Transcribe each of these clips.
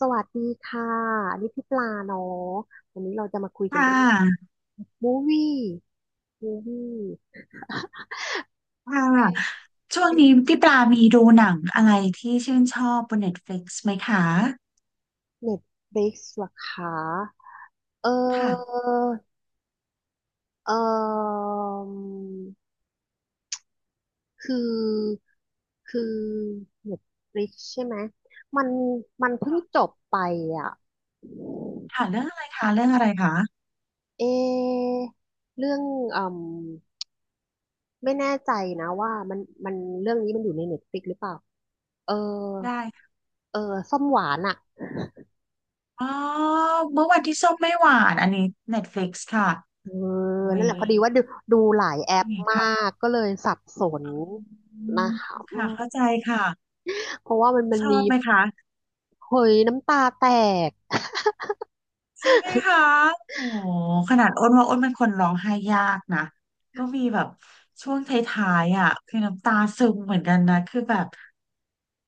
สวัสดีค่ะอันนี่พี่ปลาเนาะวันนี้เราจะมาคุยกันค่เรื่องะมูวี่มูวี่ค่ะช่วงนี้พี่ปลามีดูหนังอะไรที่ชื่นชอบบน Netflix ไหมคะเน็ตฟลิกซ์หรอคะเออค่ะเออคือคือเน็ตฟลิกซ์ใช่ไหมมันมันเพิ่งจบไปอ่ะค่ะเรื่องอะไรคะเรื่องอะไรคะเอเรื่องอืมไม่แน่ใจนะว่ามันเรื่องนี้มันอยู่ในเน็ตฟลิกหรือเปล่าเออได้ค่ะเออส้มหวานอะ อ๋อเมื่อวันที่ส้มไม่หวานอันนี้ Netflix ค่ะเออเว้นั่นยแหละพอดีว่าดูดูหลายแอเรื่องปนี้มาค่ะกก็เลยสับสนอืนะมคะค่ะเข้าใจค่ะเพราะว่ามันชอมีบไหมคะเฮ้ยน้ำตาแตก ใช่ไหมคะโอ้โหขนาดอ้นว่าอ้นเป็นคนร้องไห้ยากนะก็มีแบบช่วงท้ายๆอ่ะคือน้ำตาซึมเหมือนกันนะคือแบบ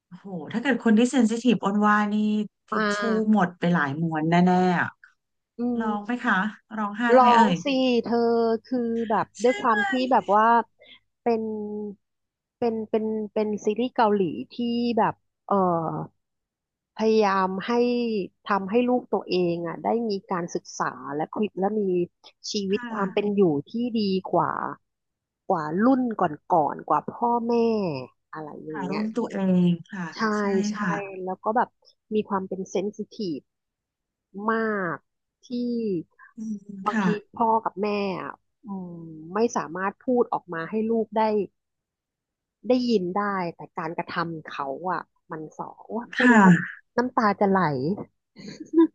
โอ้โห ถ้าเกิดคนที่เซนซิทีฟอ้นว่านี่ ทิชมาชู่กหมดไปหลายม้วนแน่ๆอะอืร้องไหมม คะร้องไห้ร้ไหมอเอ่งยสิเธอคือแบบด้วใช่ยควาไหมมที่แบบว่าเป็นเป็นเป็นซีรีส์เกาหลีที่แบบเออพยายามให้ทำให้ลูกตัวเองอ่ะได้มีการศึกษาและคุยและมีชีวิตค่ะความเป็นอยู่ที่ดีกว่ากว่ารุ่นก่อนๆกว่าพ่อแม่อะไรอย่างคาะเงี้ย รุ่นตัวเองค่ะใช่ใช่ใช่ค่ะแล้วก็แบบมีความเป็นเซนซิทีฟมากที่อืมบางค่ะทีพ่อกับแม่อะอืมไม่สามารถพูดออกมาให้ลูกได้ได้ยินได้แต่การกระทำเขาอ่ะมันสอโอยคพูดแล้ว่ะน้ำน้ำตาจะไหล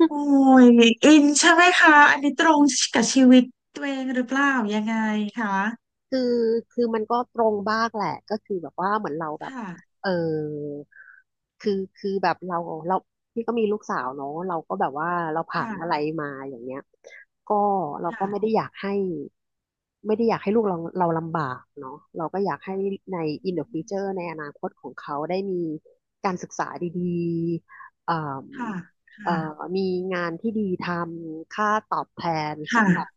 โอ้ยอินใช่ไหมคะอันนี้ตรงกับชีวิตตัวเองหรือเปล่ายังไงคะคือคือมันก็ตรงบ้างแหละก็คือแบบว่าเหมือนเราแบบค่ะเออคือแบบเราพี่ก็มีลูกสาวเนาะเราก็แบบว่าเราผ่านอะไรค่ะมาอย่างเงี้ยก็เราก็ไม่ได้ค่ะอยากให้ไม่ได้อยากให้ลูกเราเราลำบากเนาะเราก็อยากให้ใน อื in the future มในอนาคตของเขาได้มีการศึกษาดีๆค่ะเอ่อค่ะมีงานที่ดีทำค่าตอบแทนค่ะสำหรับ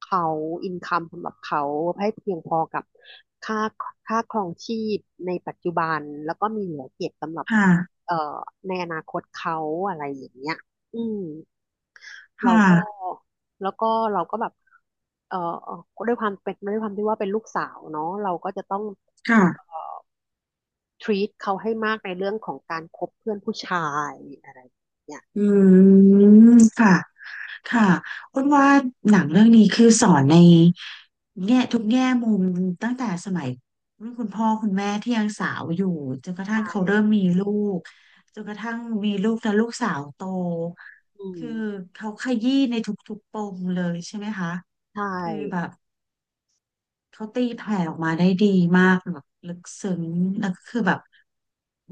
เขาอินคัมสำหรับเขาให้เพียงพอกับค่าค่าครองชีพในปัจจุบันแล้วก็มีเหลือเก็บสำหรับค่ะเอ่อในอนาคตเขาอะไรอย่างเงี้ยอืมคเราก็่ะแล้วก็เราก็แบบเอ่อด้วยความเป็นด้วยความที่ว่าเป็นลูกสาวเนาะเราก็จะต้อง ค่ะ treat เขาให้มากในเรื่องของการคบเพื่อนผู้ชายอะไรอย่างเงี้ยอืมค่ะ ค่ะอ้นว่าหนังเรื่องนี้คือสอนในแง่ทุกแง่มุมตั้งแต่สมัยรุ่นคุณพ่อคุณแม่ที่ยังสาวอยู่จนกระทั่งเขาใช่เริ่มมีลูกจนกระทั่งมีลูกแล้วลูกสาวโตอืมคือเขาขยี้ในทุกๆปมเลยใช่ไหมคะใช่ คือแบบเขาตีแผ่ออกมาได้ดีมากแบบลึกซึ้งแล้วก็คือแบบโห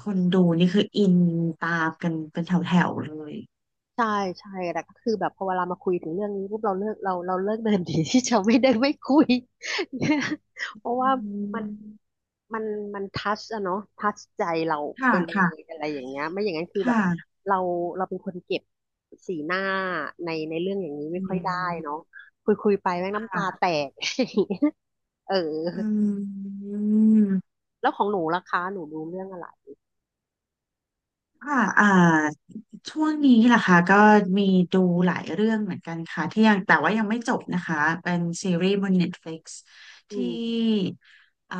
คนดูนี่คืออินตามกันเป็นแถวๆเลยใช่ใช่แต่ก็คือแบบพอเวลามาคุยถึงเรื่องนี้ปุ๊บเราเลิกเราเราเลิกเดินดีที่จะไม่ได้ไม่คุย อืเพราะว่ามันมมันมันทัชอะเนาะทัชใจเราไปค่ะเลค่ะยอะไรอย่างเงี้ยไม่อย่างนั้นคือคแบบ่ะ เราเราเป็นคนเก็บสีหน้าในในเรื่องอย่างนี้ไม่อืค่อยได้เนาะมคุยคุยไปแม่งน้ำตาแตค่ะก เอืออมแล้วของหนูล่ะคะหนูดูเรื่องอะไรค่ะ อ่าช่วงนี้ล่ะค่ะก็มีดูหลายเรื่องเหมือนกันค่ะที่ยังแต่ว่ายังไม่จบนะคะ เป็นซีรีส์บน Netflix อืที่มอ่า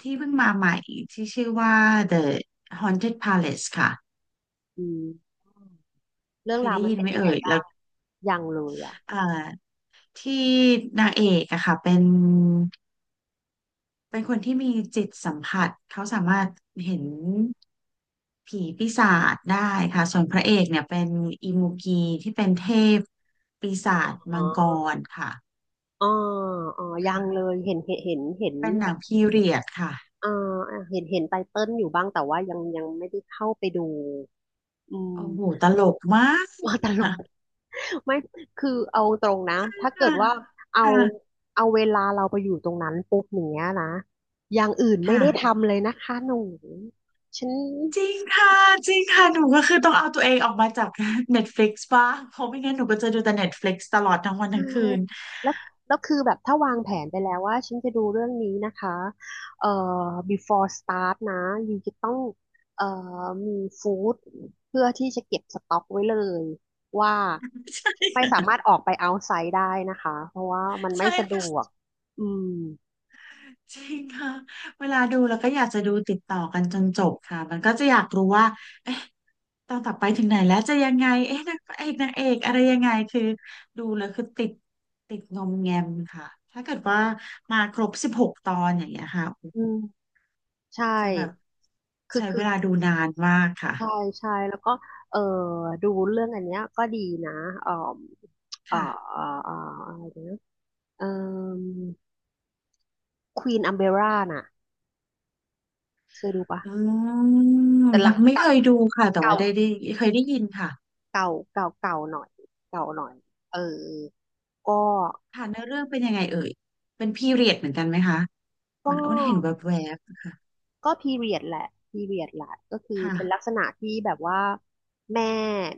ที่เพิ่งมาใหม่ที่ชื่อว่า The Haunted Palace ค่ะอืมเรื่อเคงยราวได้มันยินเป็ไหนมยังเอ่ไงยแล้บ้าวงยังเลยอ่ะ อ่าที่นางเอกอะค่ะเป็นคนที่มีจิตสัมผัสเขาสามารถเห็นผีปีศาจได้ค่ะส่วนพระเอกเนี่ยเป็นอิมูกีที่เป็นเทพปีศาจมังกรค่ะอ๋ออ๋อยังเลค่ะยเห็นเป็นหแบนังบพีเรียดค่ะอ่าอ่าเห็นเห็นไตเติ้ลอยู่บ้าง แต่ว่ายังยังไม่ได้เข้าไปดูอืม โอ้โหตลกมาก ว่าตลก ค่ะไม่คือเอาตรงนะ ถ้าเกิดว่าเอาค่ะเอาเวลาเราไปอยู่ตรงนั้นปุ๊บอย่างเนี้ยนะอย่างอื่นไม่ค่ะได้ทำเลยนะคะหนูฉัน จริงค่ะจริงค่ะหนูก็คือต้องเอาตัวเองออกมาจาก Netflix บ้างเพราะไม่งั้นหนูก็จะดูแต่ Netflix ตลอดทั้งวันใช่ทั้งคืนแล้วแล้วคือแบบถ้าวางแผนไปแล้วว่าฉันจะดูเรื่องนี้นะคะเอ่อ before start นะยูจะต้องเอ่อมีฟู้ดเพื่อที่จะเก็บสต็อกไว้เลยว่าไม่สามารถออกไป outside ได้นะคะเพราะว่ามันไม่ใช่ สะดวกอืมจริงค่ะเวลาดูแล้วก็อยากจะดูติดต่อกันจนจบค่ะมันก็จะอยากรู้ว่าเอ๊ะตอนต่อไปถึงไหนแล้วจะยังไงเอ๊ะนางเอกนางเอกอะไรยังไงคือดูแล้วคือติดงอมแงมค่ะถ้าเกิดว่ามาครบ16ตอนอย่างเงี้ยค่ะอืมใช่จะแบบคือใช้คืเวอลาดูนานมากค่ะใช่ใช่แล้วก็เออดูเรื่องอันเนี้ยก็ดีนะเอ่อเอ่อค่ะเอ่อเอ่ออะไรนะเอ่อควีนอัมเบร่าน่ะ เคยดูปะอืมแต่หลัยังงไม่เคเก่ายดูค่ะแต่เก่าว่าได้เคยได้ยินค่ะเก่าเก่าหน่อยเก่าหน่อยเออก็ค่ะเนื้อเรื่องเป็นยังไงเอ่ยเป็นพีเรียดเหมือนกันไหมคะเหก็มือนอ้นเห็นแวบๆค่ะก็พีเรียดแหละพีเรียดแหละก็คือเป็นลักค่ะ ษณะที่แบบว่าแม่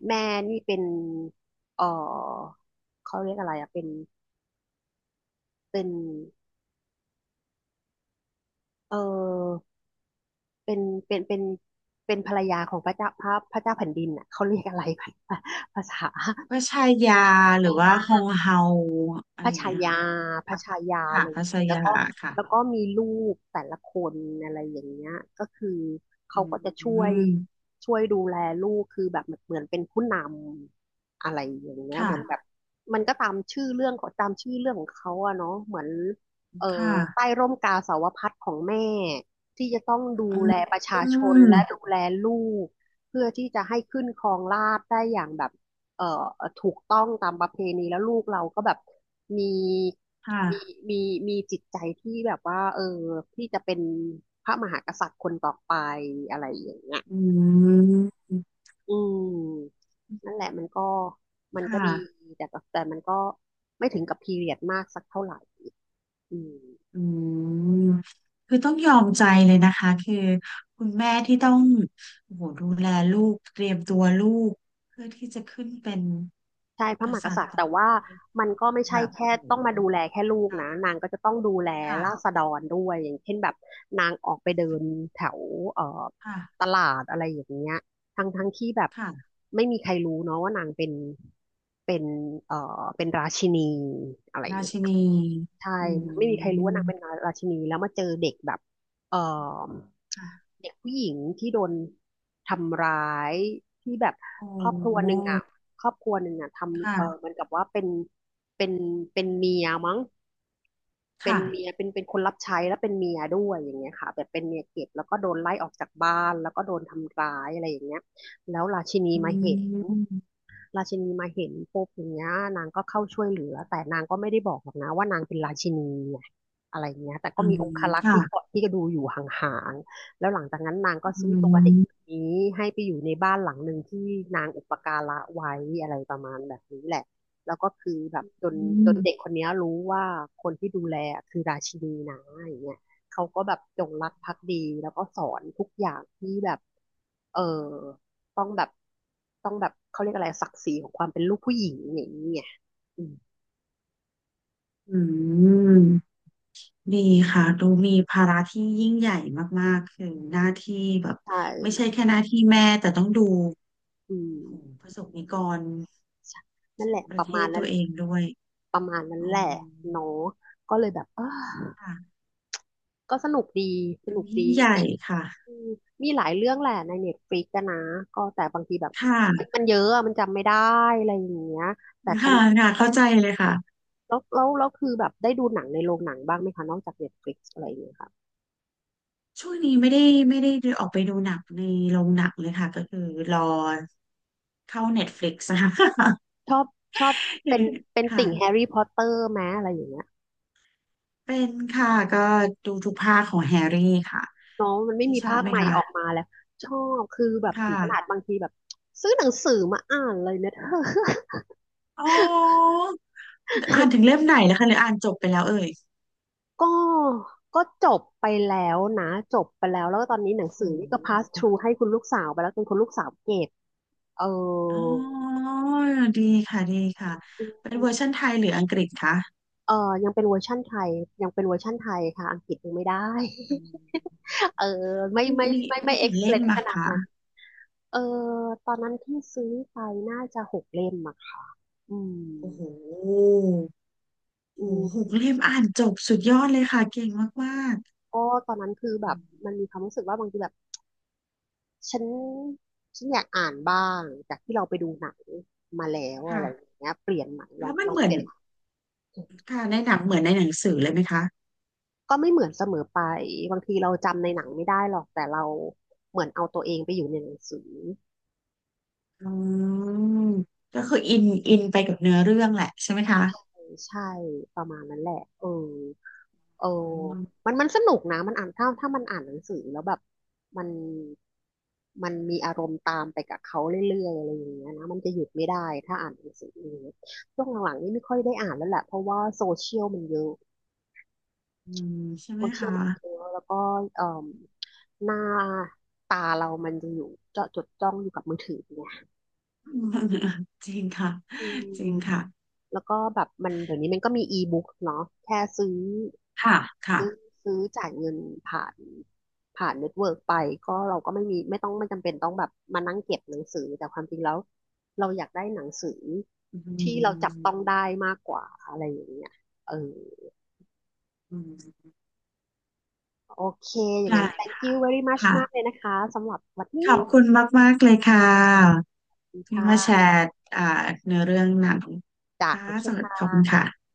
แม่นี่เป็นเออเขาเรียกอะไรอ่ะเป็นเป็นเออเป็นเป็นเป็นเป็นภรรยาของพระเจ้าพระพระเจ้าแผ่นดินอ่ะเขาเรียกอะไร ภาษา วาชายาหรือว่าฮองเฮาอะพไรระอย่างชาเงี้ยค่ะยาพระค่ะชายาค่ะเลพัยชาแล้ยาวก็แล้วค่ะก็มีรูปแต่ละคนอะไรอย่างเงี้ยก็คือเขาอืก็จะช่วยมช่วยดูแลลูกคือแบบเหมือนเป็นผู้นำอะไรอย่างเงี้ยเหมือนแบค่ะบมันก็ตามชื่อเรื่องของตามชื่อเรื่องของเขาอะเนาะเหมือนเอ่อคใต้่ะร่มกาสาวพัสต์ของแม่ที่จะต้องดูอืแลมประชาชนและดูแลลูกเพื่อที่จะให้ขึ้นครองราชย์ได้อย่างแบบ เอ่อถูกต้องตามประเพณีแล้วลูกเราก็แบบมีมีค่ะมีมีจิตใจที่แบบว่าเออที่จะเป็นพระมหากษัตริย์คนต่อไปอะไรอย่างเงี้ยอืมอืมนั่นแหละมันก็มันคก็ดี่ะแต่ก็แต่มันก็ไม่ถึงกับพีเรียดมากสักเท่าไหร่อืม อืมคือต้องยอมใจเลยนะคะคือคุณแม่ที่ต้องโอ้โหดูแลลูกเตรียมตัวลูกเพื่อที่จะขึ้นเป็นใช่พระกมหากษัตริษัตย์ริย์ต่อแต่ไปว่ามันก็ไม่แบใช่บแค่โอ้โหต้องมาดูแลแค่ลูกนะค่ะนางก็จะต้องดูแลค่ะราษฎรด้วยอย่างเช่นแบบนางออกไปเดินแถวเอ่อตลาดอะไรอย่างเงี้ยทั้งที่แบบค่ะ ไม่มีใครรู้เนาะว่านางเป็นเป็นเป็นราชินีอะไรอย่ารางี้ ชินีใช่อืไม่มีใครรู้ว่ามนางเป็นราชินีแล้วมาเจอเด็กแบบเอ่อค่ะเด็กผู้หญิงที่โดนทำร้ายที่แบบโอครอบครัว้ หนึ่งอ่ะครอบครัวหนึ่งอ่ะทำเออค่ะ เหมือนกับว่าเป็นเป็นเป็นเมียมั้งเป็นค่ะเมียเป็นคนรับใช้แล้วเป็นเมียด้วยอย่างเงี้ยค่ะแบบเป็นเมียเก็บแล้วก็โดนไล่ออกจากบ้านแล้วก็โดนทำร้ายอะไรอย่างเงี้ยแล้วราชินีอืมาเห็น มราชินีมาเห็นปุ๊บอย่างเงี้ยนางก็เข้าช่วยเหลือแต่นางก็ไม่ได้บอกหรอกนะว่านางเป็นราชินีไงอะไรเงี้ยแต่ก็อืมีมองครักษ์ค่ะที่เกาะที่ก็ดูอยู่ห่างๆแล้วหลังจากนั้นนางก็อืซื้อตัวเด็กคมนนี้ให้ไปอยู่ในบ้านหลังหนึ่งที่นางอุปการะไว้อะไรประมาณแบบนี้แหละแล้วก็คือแบบอจนืเด็กคนเนี้ยรู้ว่าคนที่ดูแลคือราชินีนะอย่างเงี้ยเขาก็แบบจงรักภักดีแล้วก็สอนทุกอย่างที่แบบเออ ต้องแบบต้องแบบเขาเรียกอะไรศักดิ์ศรีของความเป็นลูกผู้หญิงอย่างนี้ไงอืมมดีค่ะ ดูมีภาระที่ยิ่งใหญ่มากๆ คือหน้าที่แบบใช่ไม่ใช่แค่หน้าที่แม่แต่ต้องดูอืมโอ้โหประสบนิกรนั่นแหละปประระเทมาณศนั้ตันวเองด้วยประมาณนั้นอืแหละมเนาะก็เลยแบบเออค่ะก็สนุกดีสดูนุกดียิ่งใหญ่มีค่ะอืมมีหลายเรื่องแหละในเน็ตฟลิกซ์นะก็แต่บางทีแบบค่ะมันเยอะอะมันจำไม่ได้อะไรอย่างเงี้ยแต่คันค่ะค่ะแบบเข้าใจเลยค่ะ แล้วคือแบบได้ดูหนังในโรงหนังบ้างไหมคะนอกจากเน็ตฟลิกซ์อะไรอย่างเงี้ยค่ะช่วงนี้ไม่ได้ออกไปดูหนังในโรงหนังเลยค่ะก็คือรอเข้า Netflix นะคะ ชอบชอบเป็น ค่ะติ่งแฮร์รี่พอตเตอร์ไหมอะไรอย่างเงี้ย เป็นค่ะก็ดูทุกภาคของแฮร์รี่ค่ะเนาะมันไม่ที่มีชอบภาคไหมใหม่คะออกมาแล้วชอบคือแบบถึค่ะงขนาดบางทีแบบซื้อหนังสือมาอ่านเลยนะเธอ อ๋ออ่านถึงเล่มไหนแล้วคะหรืออ่านจบไปแล้วเอ่ยก็ก็จบไปแล้วนะจบไปแล้วแล้วก็ตอนนี้หนังสือโอ้นี่ก็ pass โห through ให้คุณลูกสาวไปแล้วจนคุณลูกสาวเก็บเออ๋ออดีค่ะดีค่ะอืเป็นมเวอร์ชันไทยหรืออังกฤษคะเออยังเป็นเวอร์ชั่นไทยยังเป็นเวอร์ชั่นไทยค่ะอังกฤษยังไม่ได้ อืม เออไม่มีไม่มีไม่มีไม่ กี่เล่ม excellent ขอะนาดคะนั้นเออตอนนั้นที่ซื้อไปน่าจะ6 เล่มอะค่ะอืมโอ้โห อืโอ้โหหม กเล่มอ่านจบสุดยอดเลยค่ะเก่งมากก็ตอนนั้นคือแบอืบมมันมีความรู้สึกว่าบางทีแบบฉันฉันอยากอ่านบ้างจากที่เราไปดูหนังมาแล้วๆอะค่ะไรอย่างเงี้ยเปลี่ยนใหม่แล้วมันลองเหมืเปอนลี่ยนค่ะในหนังเหมือนในหนังสือเลยไหมคะก็ไม่เหมือนเสมอไปบางทีเราจำในหนังไม่ได้หรอกแต่เราเหมือนเอาตัวเองไปอยู่ในหนังสือ อืมก็คืออินอินไปกับเนื้อเรื่องแหละใช่ไหมคะใช่ประมาณนั้นแหละเออเอออืมมันสนุกนะมันอ่านถ้ามันอ่านหนังสือแล้วแบบมันมันมีอารมณ์ตามไปกับเขาเรื่อยๆอะไรอย่างเงี้ยนะมันจะหยุดไม่ได้ถ้าอ่านหนังสืออย่างเงี้ยช่วงหลังๆนี่ไม่ค่อยได้อ่านแล้วแหละเพราะว่าโซเชียลมันเยอะอืมใช่โซไหมเชียลคะมันเยอะ แล้วก็เอ่มหน้าตาเรามันจะอยู่เจาะจดจ้องอยู่กับมือถือไงอืม จริงค่ะอืจริงมค่ะแล้วก็แบบมันเดี๋ยวนี้มันก็มีอีบุ๊กเนาะแค่ซื้อ ค่ะค่ะซื้อซื้อจ่ายเงินผ่านผ่านเน็ตเวิร์กไปก็เราก็ไม่มีไม่จำเป็นต้องแบบมานั่งเก็บหนังสือแต่ความจริงแล้วเราอยากได้หนังสืออืที่เราจับต้องมได้มากกว่าอะไรอย่างเงี้ยเอออืมโอเคอย่างนั้ได้น thank you very much ค่ะมากเลยนะคะสำหรับวันขนี้อบคุณมากๆเลยค่ะที่มาค่แชร์อ่าเนื้อเรื่องหนังะค่ะโอเคสวัคสดีขอบคุณ่ะค่ะ